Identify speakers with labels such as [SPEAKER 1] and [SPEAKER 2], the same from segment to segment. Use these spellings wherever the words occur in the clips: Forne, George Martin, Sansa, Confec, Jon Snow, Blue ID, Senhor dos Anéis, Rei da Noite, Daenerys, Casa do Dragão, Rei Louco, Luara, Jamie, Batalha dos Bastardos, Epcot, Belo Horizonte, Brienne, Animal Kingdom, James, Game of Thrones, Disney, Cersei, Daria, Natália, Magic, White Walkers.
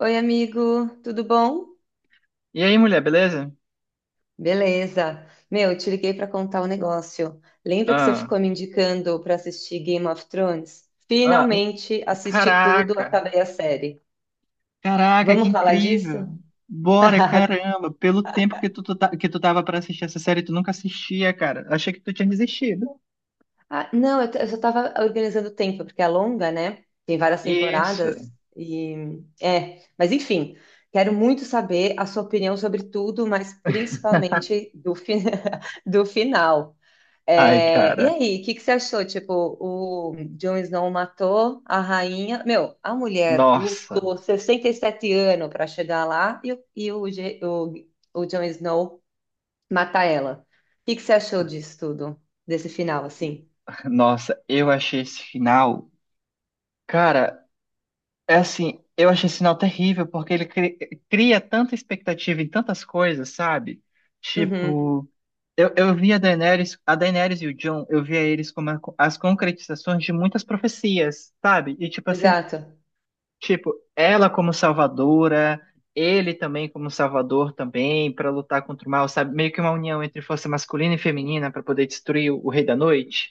[SPEAKER 1] Oi, amigo, tudo bom?
[SPEAKER 2] E aí, mulher, beleza?
[SPEAKER 1] Beleza. Meu, te liguei para contar um negócio. Lembra que você
[SPEAKER 2] Ah,
[SPEAKER 1] ficou me indicando para assistir Game of Thrones?
[SPEAKER 2] ah, um-
[SPEAKER 1] Finalmente assisti tudo,
[SPEAKER 2] caraca,
[SPEAKER 1] acabei a série.
[SPEAKER 2] que
[SPEAKER 1] Vamos falar disso?
[SPEAKER 2] incrível. Bora, caramba, pelo tempo que que tu tava pra assistir essa série, tu nunca assistia, cara. Achei que tu tinha desistido.
[SPEAKER 1] Ah, não, eu só estava organizando o tempo, porque é longa, né? Tem várias
[SPEAKER 2] Isso.
[SPEAKER 1] temporadas e é, mas enfim, quero muito saber a sua opinião sobre tudo, mas principalmente do final.
[SPEAKER 2] Ai,
[SPEAKER 1] É, e
[SPEAKER 2] cara,
[SPEAKER 1] aí, o que que você achou? Tipo, o Jon Snow matou a rainha. Meu, a mulher
[SPEAKER 2] nossa,
[SPEAKER 1] lutou 67 anos para chegar lá e o Jon Snow mata ela. O que que você achou disso tudo? Desse final, assim?
[SPEAKER 2] eu achei esse final. Cara, é assim, eu achei esse sinal terrível, porque cria tanta expectativa em tantas coisas, sabe?
[SPEAKER 1] Uhum,
[SPEAKER 2] Tipo, eu vi a Daenerys e o Jon, eu via eles como as concretizações de muitas profecias, sabe? E tipo assim,
[SPEAKER 1] exato.
[SPEAKER 2] tipo, ela como salvadora, ele também como salvador também, para lutar contra o mal, sabe? Meio que uma união entre força masculina e feminina para poder destruir o Rei da Noite.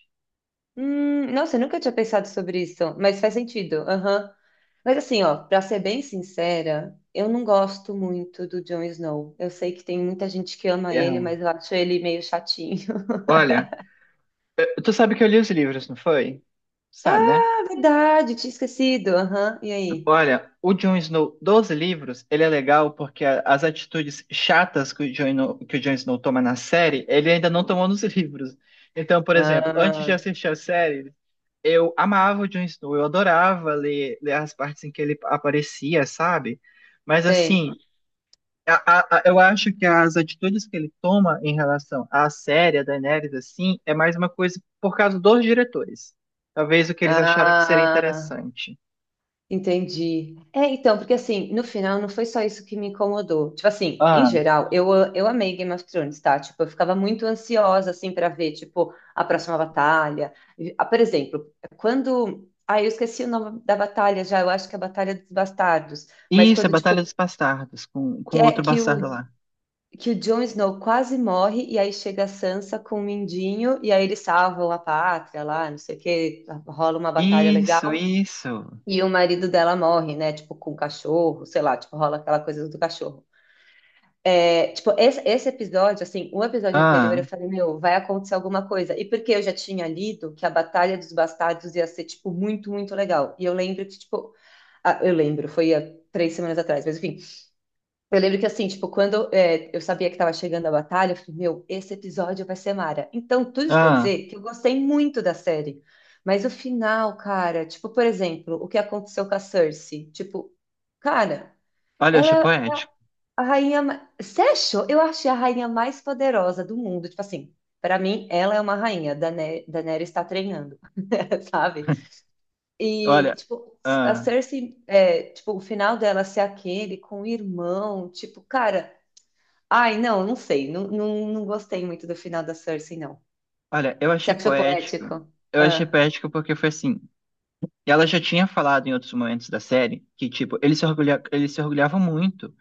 [SPEAKER 1] Nossa, eu nunca tinha pensado sobre isso, mas faz sentido. Aham. Mas assim, ó, pra ser bem sincera, eu não gosto muito do Jon Snow. Eu sei que tem muita gente que ama ele,
[SPEAKER 2] É,
[SPEAKER 1] mas eu acho ele meio chatinho.
[SPEAKER 2] olha, tu sabe que eu li os livros, não foi? Sabe, né?
[SPEAKER 1] Ah, verdade, tinha esquecido. Aham, e aí?
[SPEAKER 2] Olha, o Jon Snow dos livros, ele é legal porque as atitudes chatas que o Jon Snow toma na série, ele ainda não tomou nos livros. Então, por exemplo, antes de
[SPEAKER 1] Ah,
[SPEAKER 2] assistir a série, eu amava o Jon Snow, eu adorava ler, as partes em que ele aparecia, sabe? Mas assim,
[SPEAKER 1] tem.
[SPEAKER 2] eu acho que as atitudes que ele toma em relação à série, a Daenerys, assim, é mais uma coisa por causa dos diretores. Talvez o que eles acharam que seria
[SPEAKER 1] Ah,
[SPEAKER 2] interessante.
[SPEAKER 1] entendi. É, então, porque assim, no final não foi só isso que me incomodou. Tipo assim, em
[SPEAKER 2] Ah,
[SPEAKER 1] geral, eu amei Game of Thrones, tá? Tipo, eu ficava muito ansiosa, assim, pra ver, tipo, a próxima batalha. Ah, por exemplo, quando. Ah, eu esqueci o nome da batalha já, eu acho que é a Batalha dos Bastardos. Mas
[SPEAKER 2] isso, é
[SPEAKER 1] quando,
[SPEAKER 2] Batalha dos
[SPEAKER 1] tipo,
[SPEAKER 2] Bastardos, com,
[SPEAKER 1] que, é,
[SPEAKER 2] outro
[SPEAKER 1] que
[SPEAKER 2] bastardo
[SPEAKER 1] o
[SPEAKER 2] lá.
[SPEAKER 1] que o Jon Snow quase morre e aí chega a Sansa com o Mindinho e aí eles salvam a pátria lá, não sei o que, rola uma batalha
[SPEAKER 2] Isso,
[SPEAKER 1] legal
[SPEAKER 2] isso.
[SPEAKER 1] e o marido dela morre, né? Tipo, com o cachorro, sei lá, tipo, rola aquela coisa do cachorro. É, tipo, esse episódio, assim, o episódio anterior eu
[SPEAKER 2] Ah,
[SPEAKER 1] falei, meu, vai acontecer alguma coisa. E porque eu já tinha lido que a Batalha dos Bastardos ia ser, tipo, muito legal. E eu lembro que, tipo, ah, eu lembro, foi há 3 semanas atrás, mas enfim, eu lembro que assim, tipo, quando é, eu sabia que estava chegando a batalha, eu falei, meu, esse episódio vai ser mara. Então, tudo isso para
[SPEAKER 2] ah.
[SPEAKER 1] dizer que eu gostei muito da série. Mas o final, cara, tipo, por exemplo, o que aconteceu com a Cersei? Tipo, cara,
[SPEAKER 2] Olha, eu achei
[SPEAKER 1] ela é
[SPEAKER 2] poético.
[SPEAKER 1] a rainha. Você achou? Eu achei a rainha mais poderosa do mundo. Tipo assim, para mim, ela é uma rainha. Daenerys está treinando, sabe? E,
[SPEAKER 2] Olha,
[SPEAKER 1] tipo, a
[SPEAKER 2] ah.
[SPEAKER 1] Cersei, é, tipo, o final dela ser aquele com o irmão, tipo, cara. Ai, não, não sei. Não, não, não gostei muito do final da Cersei, não.
[SPEAKER 2] Olha, eu
[SPEAKER 1] Você
[SPEAKER 2] achei
[SPEAKER 1] achou
[SPEAKER 2] poético.
[SPEAKER 1] poético?
[SPEAKER 2] Eu achei
[SPEAKER 1] Ah,
[SPEAKER 2] poético porque foi assim. Ela já tinha falado em outros momentos da série que, tipo, eles se orgulhavam muito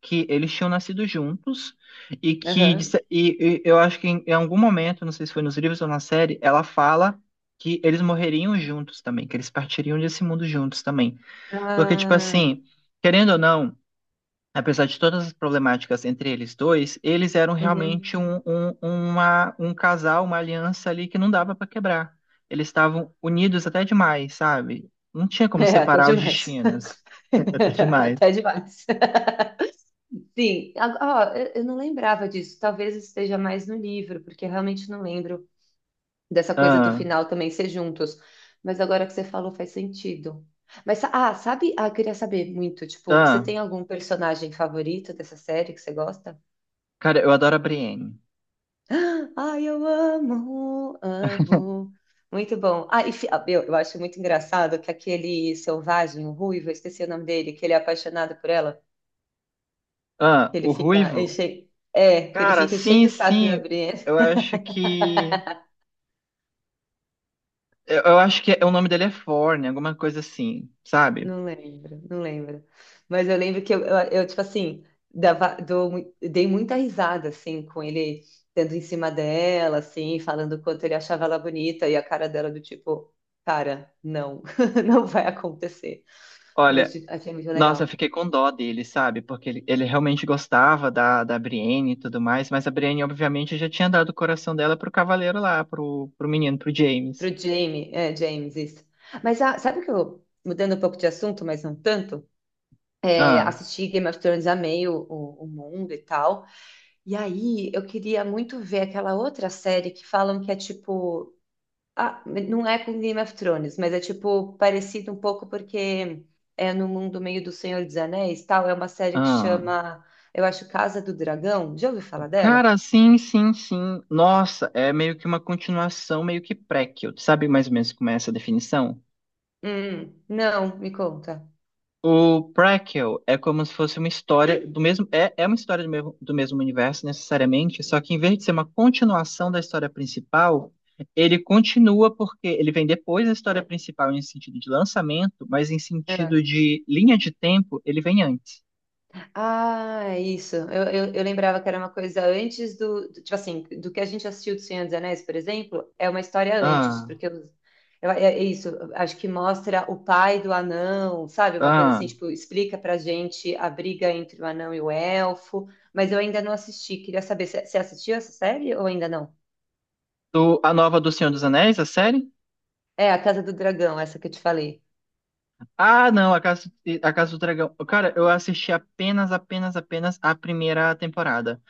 [SPEAKER 2] que eles tinham nascido juntos e
[SPEAKER 1] aham.
[SPEAKER 2] e eu acho que em, algum momento, não sei se foi nos livros ou na série, ela fala que eles morreriam juntos também, que eles partiriam desse mundo juntos também. Porque, tipo
[SPEAKER 1] Ah,
[SPEAKER 2] assim, querendo ou não, apesar de todas as problemáticas entre eles dois, eles eram
[SPEAKER 1] uhum.
[SPEAKER 2] realmente um casal, uma aliança ali que não dava pra quebrar. Eles estavam unidos até demais, sabe? Não tinha como
[SPEAKER 1] É, até
[SPEAKER 2] separar os
[SPEAKER 1] demais.
[SPEAKER 2] destinos. Até demais.
[SPEAKER 1] Até demais. Sim, ó, eu não lembrava disso. Talvez esteja mais no livro, porque eu realmente não lembro dessa coisa do
[SPEAKER 2] Ah,
[SPEAKER 1] final também ser juntos. Mas agora que você falou, faz sentido. Mas, sabe? Ah, eu queria saber muito, tipo, você
[SPEAKER 2] ah,
[SPEAKER 1] tem algum personagem favorito dessa série que você gosta?
[SPEAKER 2] cara, eu adoro a Brienne.
[SPEAKER 1] Ai, eu amo, amo. Muito bom. Ah, meu, eu acho muito engraçado que aquele selvagem, o ruivo, eu esqueci o nome dele, que ele é apaixonado por ela,
[SPEAKER 2] Ah,
[SPEAKER 1] que ele
[SPEAKER 2] o
[SPEAKER 1] fica
[SPEAKER 2] Ruivo.
[SPEAKER 1] enche... é, que ele
[SPEAKER 2] Cara,
[SPEAKER 1] fica cheio
[SPEAKER 2] sim,
[SPEAKER 1] do saco da
[SPEAKER 2] sim.
[SPEAKER 1] Brienne.
[SPEAKER 2] Eu acho que. Eu acho que é, o nome dele é Forne, alguma coisa assim, sabe?
[SPEAKER 1] Não lembro, não lembro. Mas eu lembro que eu, tipo assim, dei muita risada, assim, com ele dando em cima dela, assim, falando o quanto ele achava ela bonita, e a cara dela do tipo, cara, não, não vai acontecer.
[SPEAKER 2] Olha,
[SPEAKER 1] Noite, achei muito
[SPEAKER 2] nossa, eu
[SPEAKER 1] legal.
[SPEAKER 2] fiquei com dó dele, sabe? Porque ele realmente gostava da Brienne e tudo mais, mas a Brienne, obviamente, já tinha dado o coração dela pro cavaleiro lá, pro menino, pro
[SPEAKER 1] Pro
[SPEAKER 2] James.
[SPEAKER 1] Jamie, é, James, isso. Mas ah, sabe o que eu, mudando um pouco de assunto, mas não tanto, é,
[SPEAKER 2] Ah,
[SPEAKER 1] assisti Game of Thrones, amei o mundo e tal. E aí eu queria muito ver aquela outra série que falam que é tipo. Ah, não é com Game of Thrones, mas é tipo parecido um pouco porque é no mundo meio do Senhor dos Anéis, tal. É uma série que
[SPEAKER 2] ah.
[SPEAKER 1] chama, eu acho, Casa do Dragão. Já ouviu falar dela?
[SPEAKER 2] Cara, sim, sim, sim. Nossa, é meio que uma continuação, meio que prequel. Sabe mais ou menos como é essa definição?
[SPEAKER 1] Não, me conta.
[SPEAKER 2] O Prequel é como se fosse uma história do mesmo. É, é uma história do mesmo universo, necessariamente, só que em vez de ser uma continuação da história principal, ele continua porque ele vem depois da história principal em sentido de lançamento, mas em
[SPEAKER 1] Ah.
[SPEAKER 2] sentido de linha de tempo, ele vem antes.
[SPEAKER 1] Ah, é isso. Eu lembrava que era uma coisa antes tipo assim, do que a gente assistiu do Senhor dos Anéis, por exemplo, é uma história antes,
[SPEAKER 2] Ah,
[SPEAKER 1] porque eu, é, é isso. Acho que mostra o pai do anão, sabe? Uma coisa
[SPEAKER 2] ah.
[SPEAKER 1] assim, tipo, explica pra gente a briga entre o anão e o elfo. Mas eu ainda não assisti. Queria saber, você assistiu essa série ou ainda não?
[SPEAKER 2] Do, a nova do Senhor dos Anéis, a série?
[SPEAKER 1] É, a Casa do Dragão, essa que eu te falei.
[SPEAKER 2] Ah, não, a Casa do Dragão. Cara, eu assisti apenas a primeira temporada.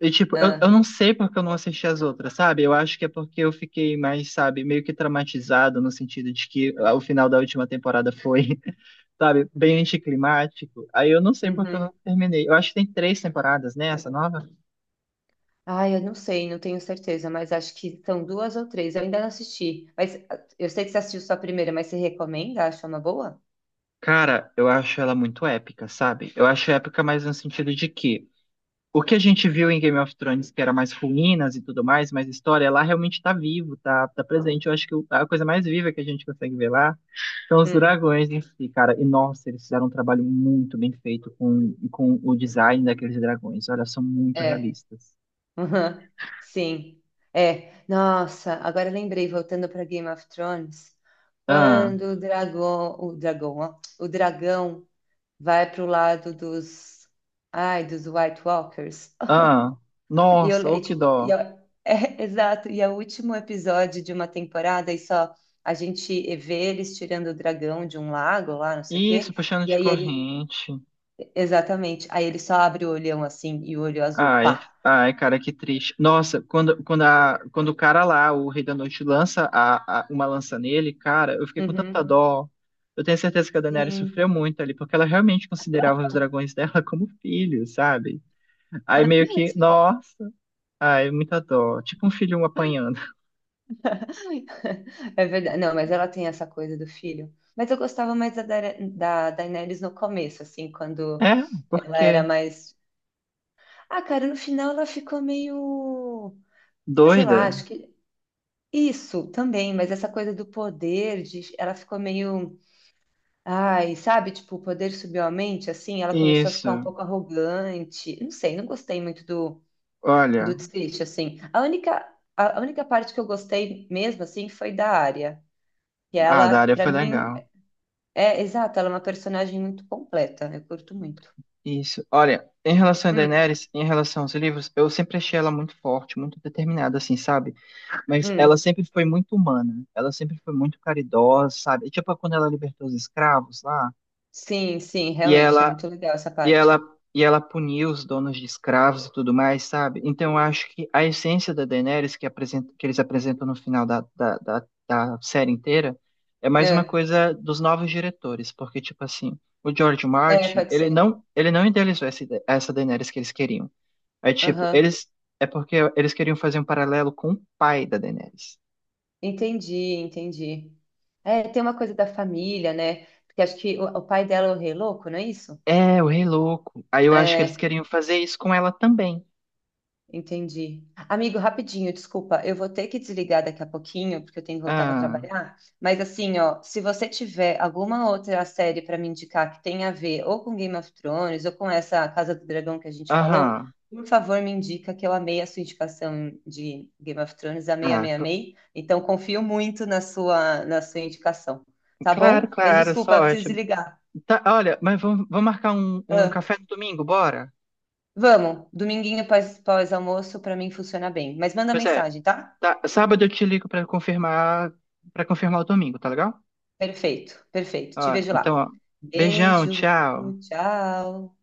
[SPEAKER 2] E, tipo, eu
[SPEAKER 1] Ah,
[SPEAKER 2] não sei porque eu não assisti as outras, sabe? Eu acho que é porque eu fiquei mais, sabe, meio que traumatizado no sentido de que ah, o final da última temporada foi, sabe, bem anticlimático. Aí eu não sei porque eu
[SPEAKER 1] uhum.
[SPEAKER 2] não terminei. Eu acho que tem três temporadas, né, essa nova?
[SPEAKER 1] Ai, eu não sei, não tenho certeza, mas acho que são duas ou três. Eu ainda não assisti. Mas ah, eu sei que você assistiu só a primeira, mas você recomenda? Acha uma boa?
[SPEAKER 2] Cara, eu acho ela muito épica, sabe? Eu acho épica mais no sentido de que o que a gente viu em Game of Thrones, que era mais ruínas e tudo mais, mais história, lá realmente tá vivo, tá presente. Eu acho que a coisa mais viva que a gente consegue ver lá são os
[SPEAKER 1] Hum,
[SPEAKER 2] dragões em si, cara. E nossa, eles fizeram um trabalho muito bem feito com, o design daqueles dragões. Olha, são muito
[SPEAKER 1] é.
[SPEAKER 2] realistas.
[SPEAKER 1] Uhum. Sim. É. Nossa, agora lembrei, voltando para Game of Thrones,
[SPEAKER 2] Ah,
[SPEAKER 1] quando o dragão vai pro lado dos, ai, dos White Walkers.
[SPEAKER 2] ah,
[SPEAKER 1] E eu,
[SPEAKER 2] nossa, ô
[SPEAKER 1] e,
[SPEAKER 2] que
[SPEAKER 1] tipo, e
[SPEAKER 2] dó.
[SPEAKER 1] a- é, exato, e é o último episódio de uma temporada, e só a gente vê eles tirando o dragão de um lago lá, não sei o
[SPEAKER 2] Isso,
[SPEAKER 1] quê,
[SPEAKER 2] puxando
[SPEAKER 1] e
[SPEAKER 2] de
[SPEAKER 1] aí ele,
[SPEAKER 2] corrente.
[SPEAKER 1] exatamente, aí ele só abre o olhão assim, e o olho azul,
[SPEAKER 2] Ai,
[SPEAKER 1] pá.
[SPEAKER 2] ai, cara, que triste. Nossa, quando o cara lá, o Rei da Noite, lança uma lança nele, cara, eu fiquei com tanta
[SPEAKER 1] Uhum.
[SPEAKER 2] dó. Eu tenho certeza que a Daenerys sofreu
[SPEAKER 1] Sim.
[SPEAKER 2] muito ali, porque ela realmente considerava os dragões dela como filhos, sabe? Aí meio que, nossa. Ai, muita dor. Tipo um filho apanhando.
[SPEAKER 1] É verdade. Não, mas ela tem essa coisa do filho. Mas eu gostava mais da, da Daenerys no começo, assim, quando
[SPEAKER 2] É,
[SPEAKER 1] ela era
[SPEAKER 2] porque
[SPEAKER 1] mais. Ah, cara, no final ela ficou meio. Sei lá,
[SPEAKER 2] doida.
[SPEAKER 1] acho que isso também, mas essa coisa do poder, ela ficou meio, ai, sabe, tipo, o poder subiu a mente, assim, ela começou a ficar um
[SPEAKER 2] Isso.
[SPEAKER 1] pouco arrogante. Não sei, não gostei muito do,
[SPEAKER 2] Olha,
[SPEAKER 1] do desfecho, assim. A única parte que eu gostei mesmo, assim, foi da área. E
[SPEAKER 2] a
[SPEAKER 1] ela,
[SPEAKER 2] Daria
[SPEAKER 1] pra
[SPEAKER 2] foi
[SPEAKER 1] mim,
[SPEAKER 2] legal.
[SPEAKER 1] é exato, ela é uma personagem muito completa, eu curto muito.
[SPEAKER 2] Isso. Olha, em relação a
[SPEAKER 1] Hum,
[SPEAKER 2] Daenerys, em relação aos livros, eu sempre achei ela muito forte, muito determinada, assim, sabe? Mas ela
[SPEAKER 1] hum,
[SPEAKER 2] sempre foi muito humana. Ela sempre foi muito caridosa, sabe? Tipo quando ela libertou os escravos lá.
[SPEAKER 1] sim, sim,
[SPEAKER 2] E
[SPEAKER 1] realmente, é
[SPEAKER 2] ela
[SPEAKER 1] muito legal essa
[SPEAKER 2] E ela,
[SPEAKER 1] parte.
[SPEAKER 2] e ela puniu os donos de escravos e tudo mais, sabe? Então eu acho que a essência da Daenerys que, apresenta, que eles apresentam no final da série inteira é mais uma
[SPEAKER 1] É,
[SPEAKER 2] coisa dos novos diretores, porque, tipo assim, o George
[SPEAKER 1] é,
[SPEAKER 2] Martin,
[SPEAKER 1] pode ser.
[SPEAKER 2] ele não idealizou essa Daenerys que eles queriam. É tipo, eles. É porque eles queriam fazer um paralelo com o pai da Daenerys.
[SPEAKER 1] Entendi, entendi. É, tem uma coisa da família, né? Porque acho que o pai dela é o rei louco, não é isso?
[SPEAKER 2] É, o Rei Louco. Aí eu acho que eles
[SPEAKER 1] É.
[SPEAKER 2] queriam fazer isso com ela também.
[SPEAKER 1] Entendi. Amigo, rapidinho, desculpa, eu vou ter que desligar daqui a pouquinho, porque eu tenho que voltar para
[SPEAKER 2] Ah,
[SPEAKER 1] trabalhar. Mas assim, ó, se você tiver alguma outra série para me indicar que tenha a ver ou com Game of Thrones ou com essa Casa do Dragão que a gente falou,
[SPEAKER 2] aham.
[SPEAKER 1] por favor, me indica que eu amei a sua indicação de Game of Thrones, amei,
[SPEAKER 2] Ah,
[SPEAKER 1] amei,
[SPEAKER 2] cl-
[SPEAKER 1] amei. Então confio muito na sua indicação, tá
[SPEAKER 2] claro,
[SPEAKER 1] bom? Mas
[SPEAKER 2] claro,
[SPEAKER 1] desculpa, eu preciso
[SPEAKER 2] sorte.
[SPEAKER 1] desligar.
[SPEAKER 2] Tá, olha, mas vamos marcar um
[SPEAKER 1] Ah,
[SPEAKER 2] café no domingo, bora?
[SPEAKER 1] vamos, dominguinho pós, pós-almoço para mim funciona bem. Mas manda
[SPEAKER 2] Pois é,
[SPEAKER 1] mensagem, tá?
[SPEAKER 2] tá, sábado eu te ligo pra confirmar para confirmar o domingo, tá legal?
[SPEAKER 1] Perfeito, perfeito.
[SPEAKER 2] Ó,
[SPEAKER 1] Te vejo
[SPEAKER 2] então,
[SPEAKER 1] lá.
[SPEAKER 2] ó, beijão,
[SPEAKER 1] Beijo,
[SPEAKER 2] tchau.
[SPEAKER 1] tchau.